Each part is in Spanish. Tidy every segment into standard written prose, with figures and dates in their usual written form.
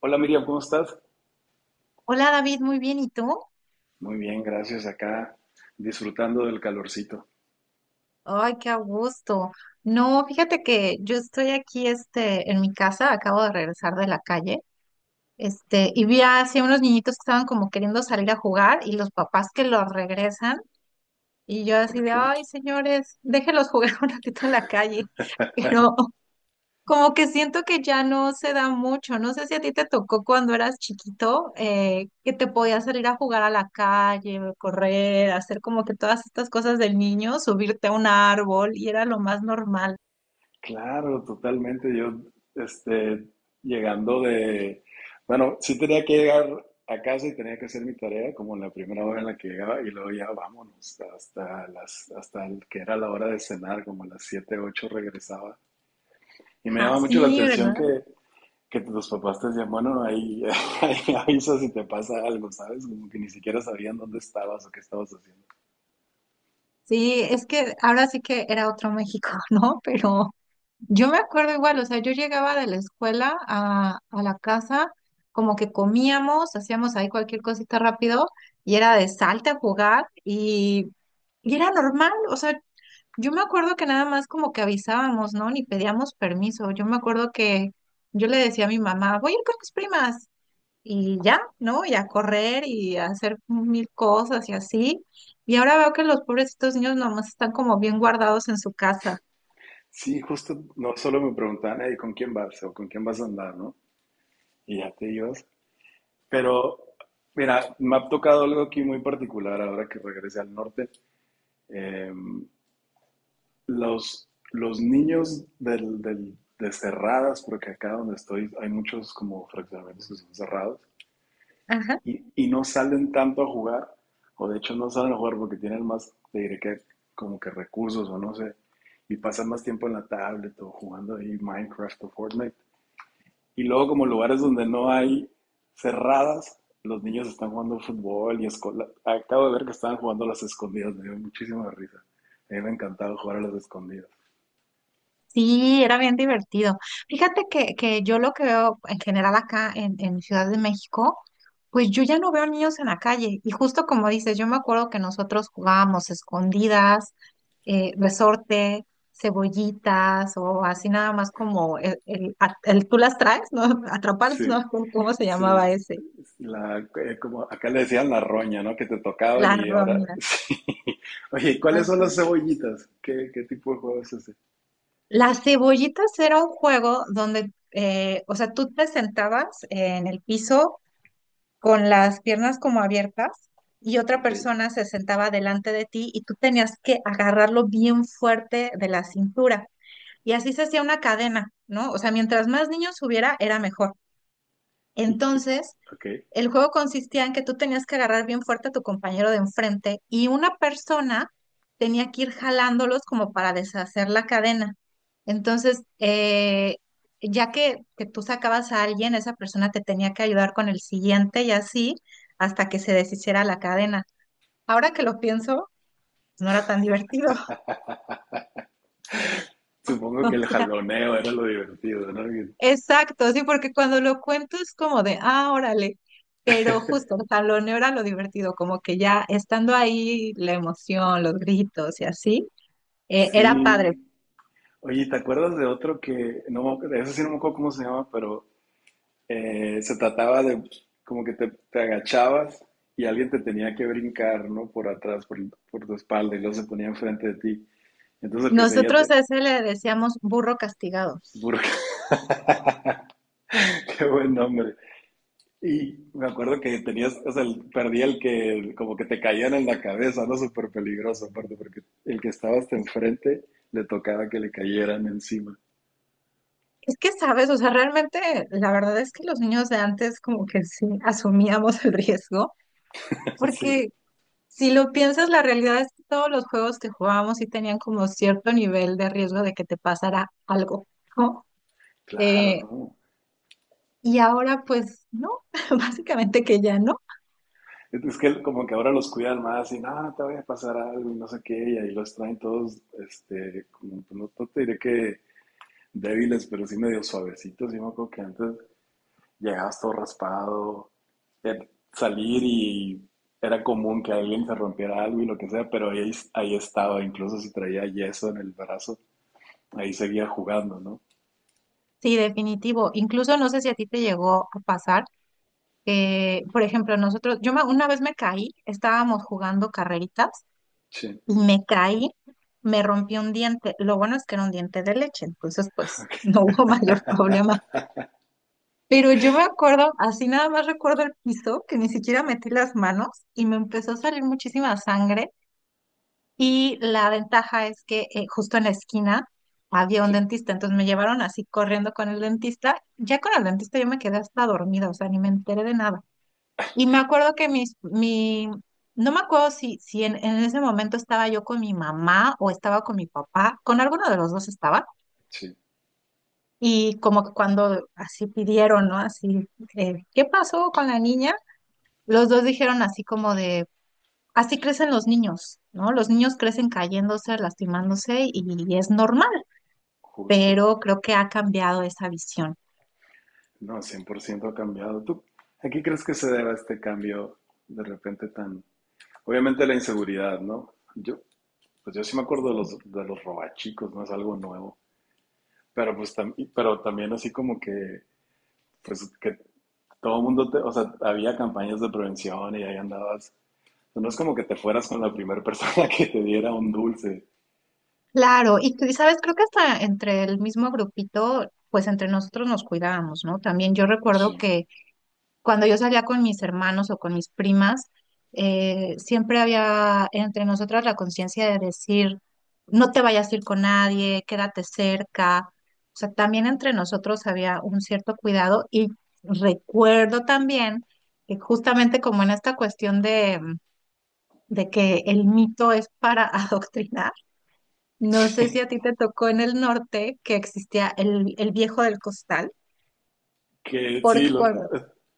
Hola Miriam, ¿cómo estás? Hola David, muy bien, ¿y tú? Muy bien, gracias. Acá disfrutando del calorcito. Ay, qué a gusto. No, fíjate que yo estoy aquí en mi casa, acabo de regresar de la calle, y vi así a unos niñitos que estaban como queriendo salir a jugar y los papás que los regresan y yo así ¿Por de, qué? ay, señores, déjenlos jugar un ratito en la calle, pero como que siento que ya no se da mucho. No sé si a ti te tocó cuando eras chiquito, que te podías salir a jugar a la calle, correr, hacer como que todas estas cosas del niño, subirte a un árbol y era lo más normal. Claro, totalmente. Yo, este, llegando de... Bueno, sí tenía que llegar a casa y tenía que hacer mi tarea como en la primera hora en la que llegaba y luego ya vámonos hasta el que era la hora de cenar, como a las 7, 8 regresaba. Y me Ajá, llama mucho la sí, atención ¿verdad? que tus papás te decían, bueno, ahí, ahí avisa si te pasa algo, ¿sabes? Como que ni siquiera sabían dónde estabas o qué estabas haciendo. Sí, es que ahora sí que era otro México, ¿no? Pero yo me acuerdo igual, o sea, yo llegaba de la escuela a la casa, como que comíamos, hacíamos ahí cualquier cosita rápido y era de salte a jugar y era normal, o sea, yo me acuerdo que nada más como que avisábamos, ¿no? Ni pedíamos permiso, yo me acuerdo que yo le decía a mi mamá, voy a ir con mis primas y ya, ¿no? Y a correr y a hacer mil cosas y así. Y ahora veo que los pobrecitos niños nomás están como bien guardados en su casa. Sí, justo no solo me preguntaban, "Hey, ¿con quién vas? O ¿con quién vas a andar, no? Y ya te ibas. Pero, mira, me ha tocado algo aquí muy particular ahora que regresé al norte. Eh, los niños de cerradas, porque acá donde estoy hay muchos como fraccionamientos que son cerrados, Ajá. y no salen tanto a jugar, o de hecho no salen a jugar porque tienen más, te diré que como que recursos o no sé, y pasan más tiempo en la tablet o jugando ahí Minecraft o Fortnite. Y luego como lugares donde no hay cerradas, los niños están jugando fútbol y escola. Acabo de ver que estaban jugando a las escondidas, me dio muchísima risa. A mí me encantaba jugar a las escondidas. Sí, era bien divertido. Fíjate que yo lo que veo en general acá en Ciudad de México, pues yo ya no veo niños en la calle. Y justo como dices, yo me acuerdo que nosotros jugábamos escondidas, resorte, cebollitas o así nada más como el tú las traes, ¿no? Atrapalas, Sí, ¿no? ¿Cómo se llamaba sí. ese? La, como acá le decían la roña, ¿no? Que te tocaban La y ahora ronda. sí. Oye, ¿y ¿cuáles son Ah. las cebollitas? ¿Qué, qué tipo de juego es ese? Las cebollitas era un juego donde, o sea, tú te sentabas en el piso con las piernas como abiertas y otra Ok. persona se sentaba delante de ti y tú tenías que agarrarlo bien fuerte de la cintura. Y así se hacía una cadena, ¿no? O sea, mientras más niños hubiera, era mejor. Y- y- Entonces, ok. el juego consistía en que tú tenías que agarrar bien fuerte a tu compañero de enfrente y una persona tenía que ir jalándolos como para deshacer la cadena. Entonces, ya que tú sacabas a alguien, esa persona te tenía que ayudar con el siguiente y así hasta que se deshiciera la cadena. Ahora que lo pienso, no era tan divertido. Supongo que O el sea, jaloneo era lo divertido, ¿no? Exacto, sí, porque cuando lo cuento es como de, ah, órale, pero justo, o sea, lo negro era lo divertido, como que ya estando ahí, la emoción, los gritos y así, era Sí. padre. Oye, ¿te acuerdas de otro que, no, eso sí no me acuerdo cómo se llama, pero se trataba de pues, como que te agachabas y alguien te tenía que brincar, ¿no? Por atrás, por tu espalda y luego se ponía enfrente de ti. Entonces el que seguía Nosotros te a ese le decíamos burro castigado. burcaba. Qué buen nombre. Y me acuerdo que tenías, o sea, el- perdía el que como que te caían en la cabeza, ¿no? Súper peligroso, aparte, porque el que estabas hasta enfrente le tocaba que le cayeran encima. Es que, sabes, o sea, realmente la verdad es que los niños de antes como que sí asumíamos el riesgo, Sí. porque si lo piensas, la realidad es que todos los juegos que jugábamos sí tenían como cierto nivel de riesgo de que te pasara algo, ¿no? Claro, Eh, ¿no? y ahora pues no, básicamente que ya no. Es que como que ahora los cuidan más y no, no te vaya a pasar algo y no sé qué, y ahí los traen todos, este, como, pues, no, no te diré que débiles, pero sí medio suavecitos. Y me acuerdo que antes llegabas todo raspado, salir y era común que alguien se rompiera algo y lo que sea, pero ahí estaba, incluso si traía yeso en el brazo, ahí seguía jugando, ¿no? Sí, definitivo. Incluso no sé si a ti te llegó a pasar que, por ejemplo, nosotros, una vez me caí, estábamos jugando carreritas Sí, y me caí, me rompí un diente. Lo bueno es que era un diente de leche, entonces pues no hubo mayor problema. Pero yo me acuerdo, así nada más recuerdo el piso, que ni siquiera metí las manos y me empezó a salir muchísima sangre. Y la ventaja es que justo en la esquina había un sí, dentista, entonces me llevaron así corriendo con el dentista. Ya con el dentista yo me quedé hasta dormida, o sea, ni me enteré de nada. Y me acuerdo que no me acuerdo si en ese momento estaba yo con mi mamá o estaba con mi papá, con alguno de los dos estaba. sí, Y como que cuando así pidieron, ¿no? Así, ¿qué pasó con la niña? Los dos dijeron así como de así crecen los niños, ¿no? Los niños crecen cayéndose, lastimándose y es normal, justo. pero creo que ha cambiado esa visión. No, 100% ha cambiado. ¿Tú a qué crees que se deba este cambio de repente tan? Obviamente la inseguridad, ¿no? Yo, pues yo sí me acuerdo de Sí. los, de los robachicos, no es algo nuevo, pero pues pero también así como que, pues que todo el mundo, te, o sea, había campañas de prevención y ahí andabas, no es como que te fueras con la primera persona que te diera un dulce, Claro, y sabes, creo que hasta entre el mismo grupito, pues entre nosotros nos cuidábamos, ¿no? También yo recuerdo sí, que cuando yo salía con mis hermanos o con mis primas, siempre había entre nosotras la conciencia de decir, no te vayas a ir con nadie, quédate cerca. O sea, también entre nosotros había un cierto cuidado y recuerdo también que justamente como en esta cuestión de que el mito es para adoctrinar, no sé si sí, a ti te tocó en el norte que existía el viejo del costal, que sí, porque cuando,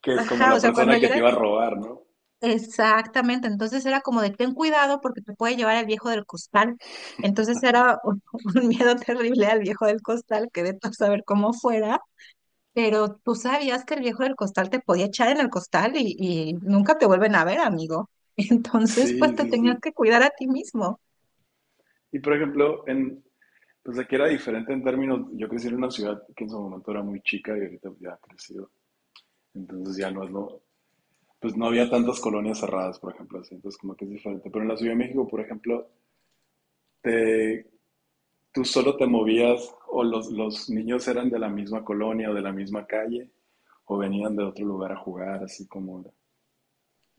que es como ajá, la o sea, cuando persona yo que te era. iba a robar, ¿no? Exactamente, entonces era como de ten cuidado porque te puede llevar el viejo del costal. Entonces era un, un miedo terrible al viejo del costal, que de todo saber cómo fuera, pero tú sabías que el viejo del costal te podía echar en el costal y nunca te vuelven a ver, amigo. Entonces, pues Sí, te sí, tenías sí. que cuidar a ti mismo. Y por ejemplo, pues aquí era diferente en términos, yo crecí en una ciudad que en su momento era muy chica y ahorita ya ha crecido. Entonces ya no es lo, pues no había tantas colonias cerradas, por ejemplo, así, entonces como que es diferente. Pero en la Ciudad de México, por ejemplo, te, tú solo te movías o los niños eran de la misma colonia o de la misma calle o venían de otro lugar a jugar, así como era.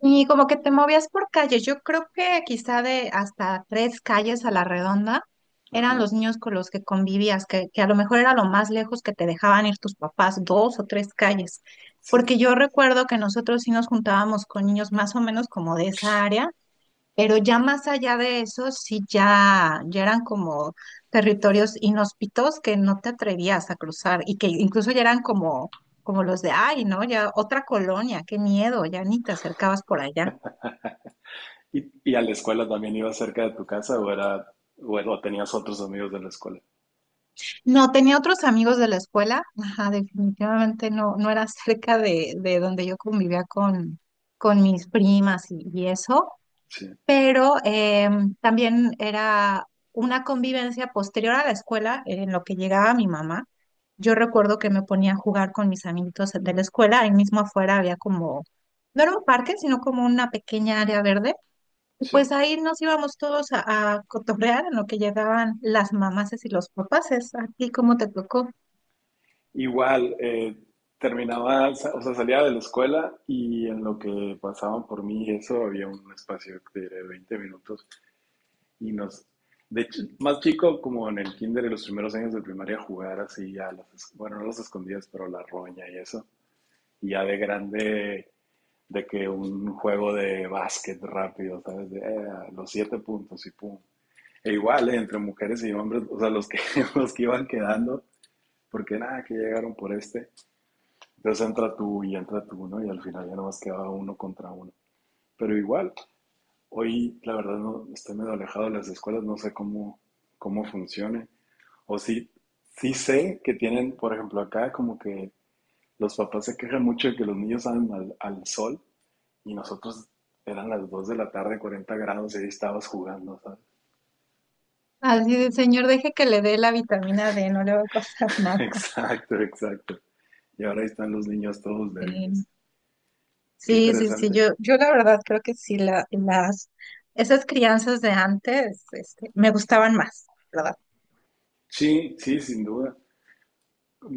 Y como que te movías por calle, yo creo que quizá de hasta tres calles a la redonda eran Ajá, los niños con los que convivías, que a lo mejor era lo más lejos que te dejaban ir tus papás, dos o tres calles. sí. Porque yo recuerdo que nosotros sí nos juntábamos con niños más o menos como de esa área, pero ya más allá de eso, sí ya, ya eran como territorios inhóspitos que no te atrevías a cruzar y que incluso ya eran como los de, ay, ¿no? Ya otra colonia, qué miedo, ya ni te acercabas por allá. ¿Y a la escuela también ibas cerca de tu casa o tenías otros amigos de la escuela? No, tenía otros amigos de la escuela, ajá, definitivamente no, no era cerca de donde yo convivía con mis primas y eso. Sí, Pero también era una convivencia posterior a la escuela en lo que llegaba mi mamá. Yo recuerdo que me ponía a jugar con mis amiguitos de la escuela, ahí mismo afuera había como, no era un parque, sino como una pequeña área verde. Y sí. pues ahí nos íbamos todos a cotorrear en lo que llegaban las mamases y los papases. ¿A ti cómo te tocó? Igual, terminaba, o sea, salía de la escuela y en lo que pasaban por mí, y eso había un espacio de 20 minutos y nos, de hecho, más chico, como en el kinder, y los primeros años de primaria, jugar así a las, bueno, no las escondidas, pero la roña y eso. Y ya de grande, de que un juego de básquet rápido, ¿sabes? De, los siete puntos y pum. E igual, entre mujeres y hombres, o sea, los que, los que iban quedando, porque nada, que llegaron por este. Entonces entra tú y entra tú, ¿no? Y al final ya nomás quedaba uno contra uno. Pero igual, hoy la verdad no estoy medio alejado de las escuelas, no sé cómo funcione. O sí, sí sé que tienen, por ejemplo, acá como que los papás se quejan mucho de que los niños salen al sol y nosotros eran las 2 de la tarde, 40 grados, y ahí estabas jugando, ¿sabes? Así de, señor, deje que le dé la vitamina D, no le va a pasar nada. Exacto, exacto. Y ahora ahí están los niños todos Sí. débiles. Qué Sí, sí, sí, interesante. yo la verdad creo que sí, esas crianzas de antes, me gustaban más, ¿verdad? Sí, sí, sin duda.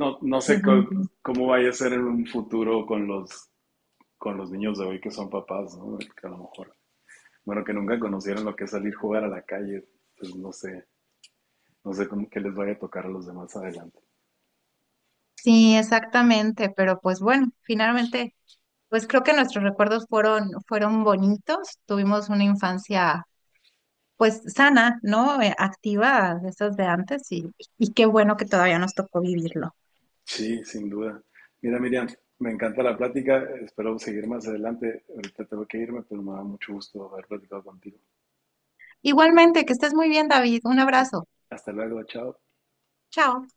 No, no sé Pero. Cómo vaya a ser en un futuro con los niños de hoy que son papás, ¿no? Que a lo mejor, bueno, que nunca conocieron lo que es salir a jugar a la calle, pues no sé, no sé cómo que les vaya a tocar a los demás adelante. Sí, exactamente, pero pues bueno, finalmente, pues creo que nuestros recuerdos fueron, bonitos, tuvimos una infancia pues sana, ¿no? Activa, de esas de antes, y qué bueno que todavía nos tocó vivirlo. Sí, sin duda. Mira, Miriam, me encanta la plática, espero seguir más adelante. Ahorita tengo que irme, pero me da mucho gusto haber platicado contigo. Igualmente, que estés muy bien, David, un abrazo, Hasta luego, chao. chao.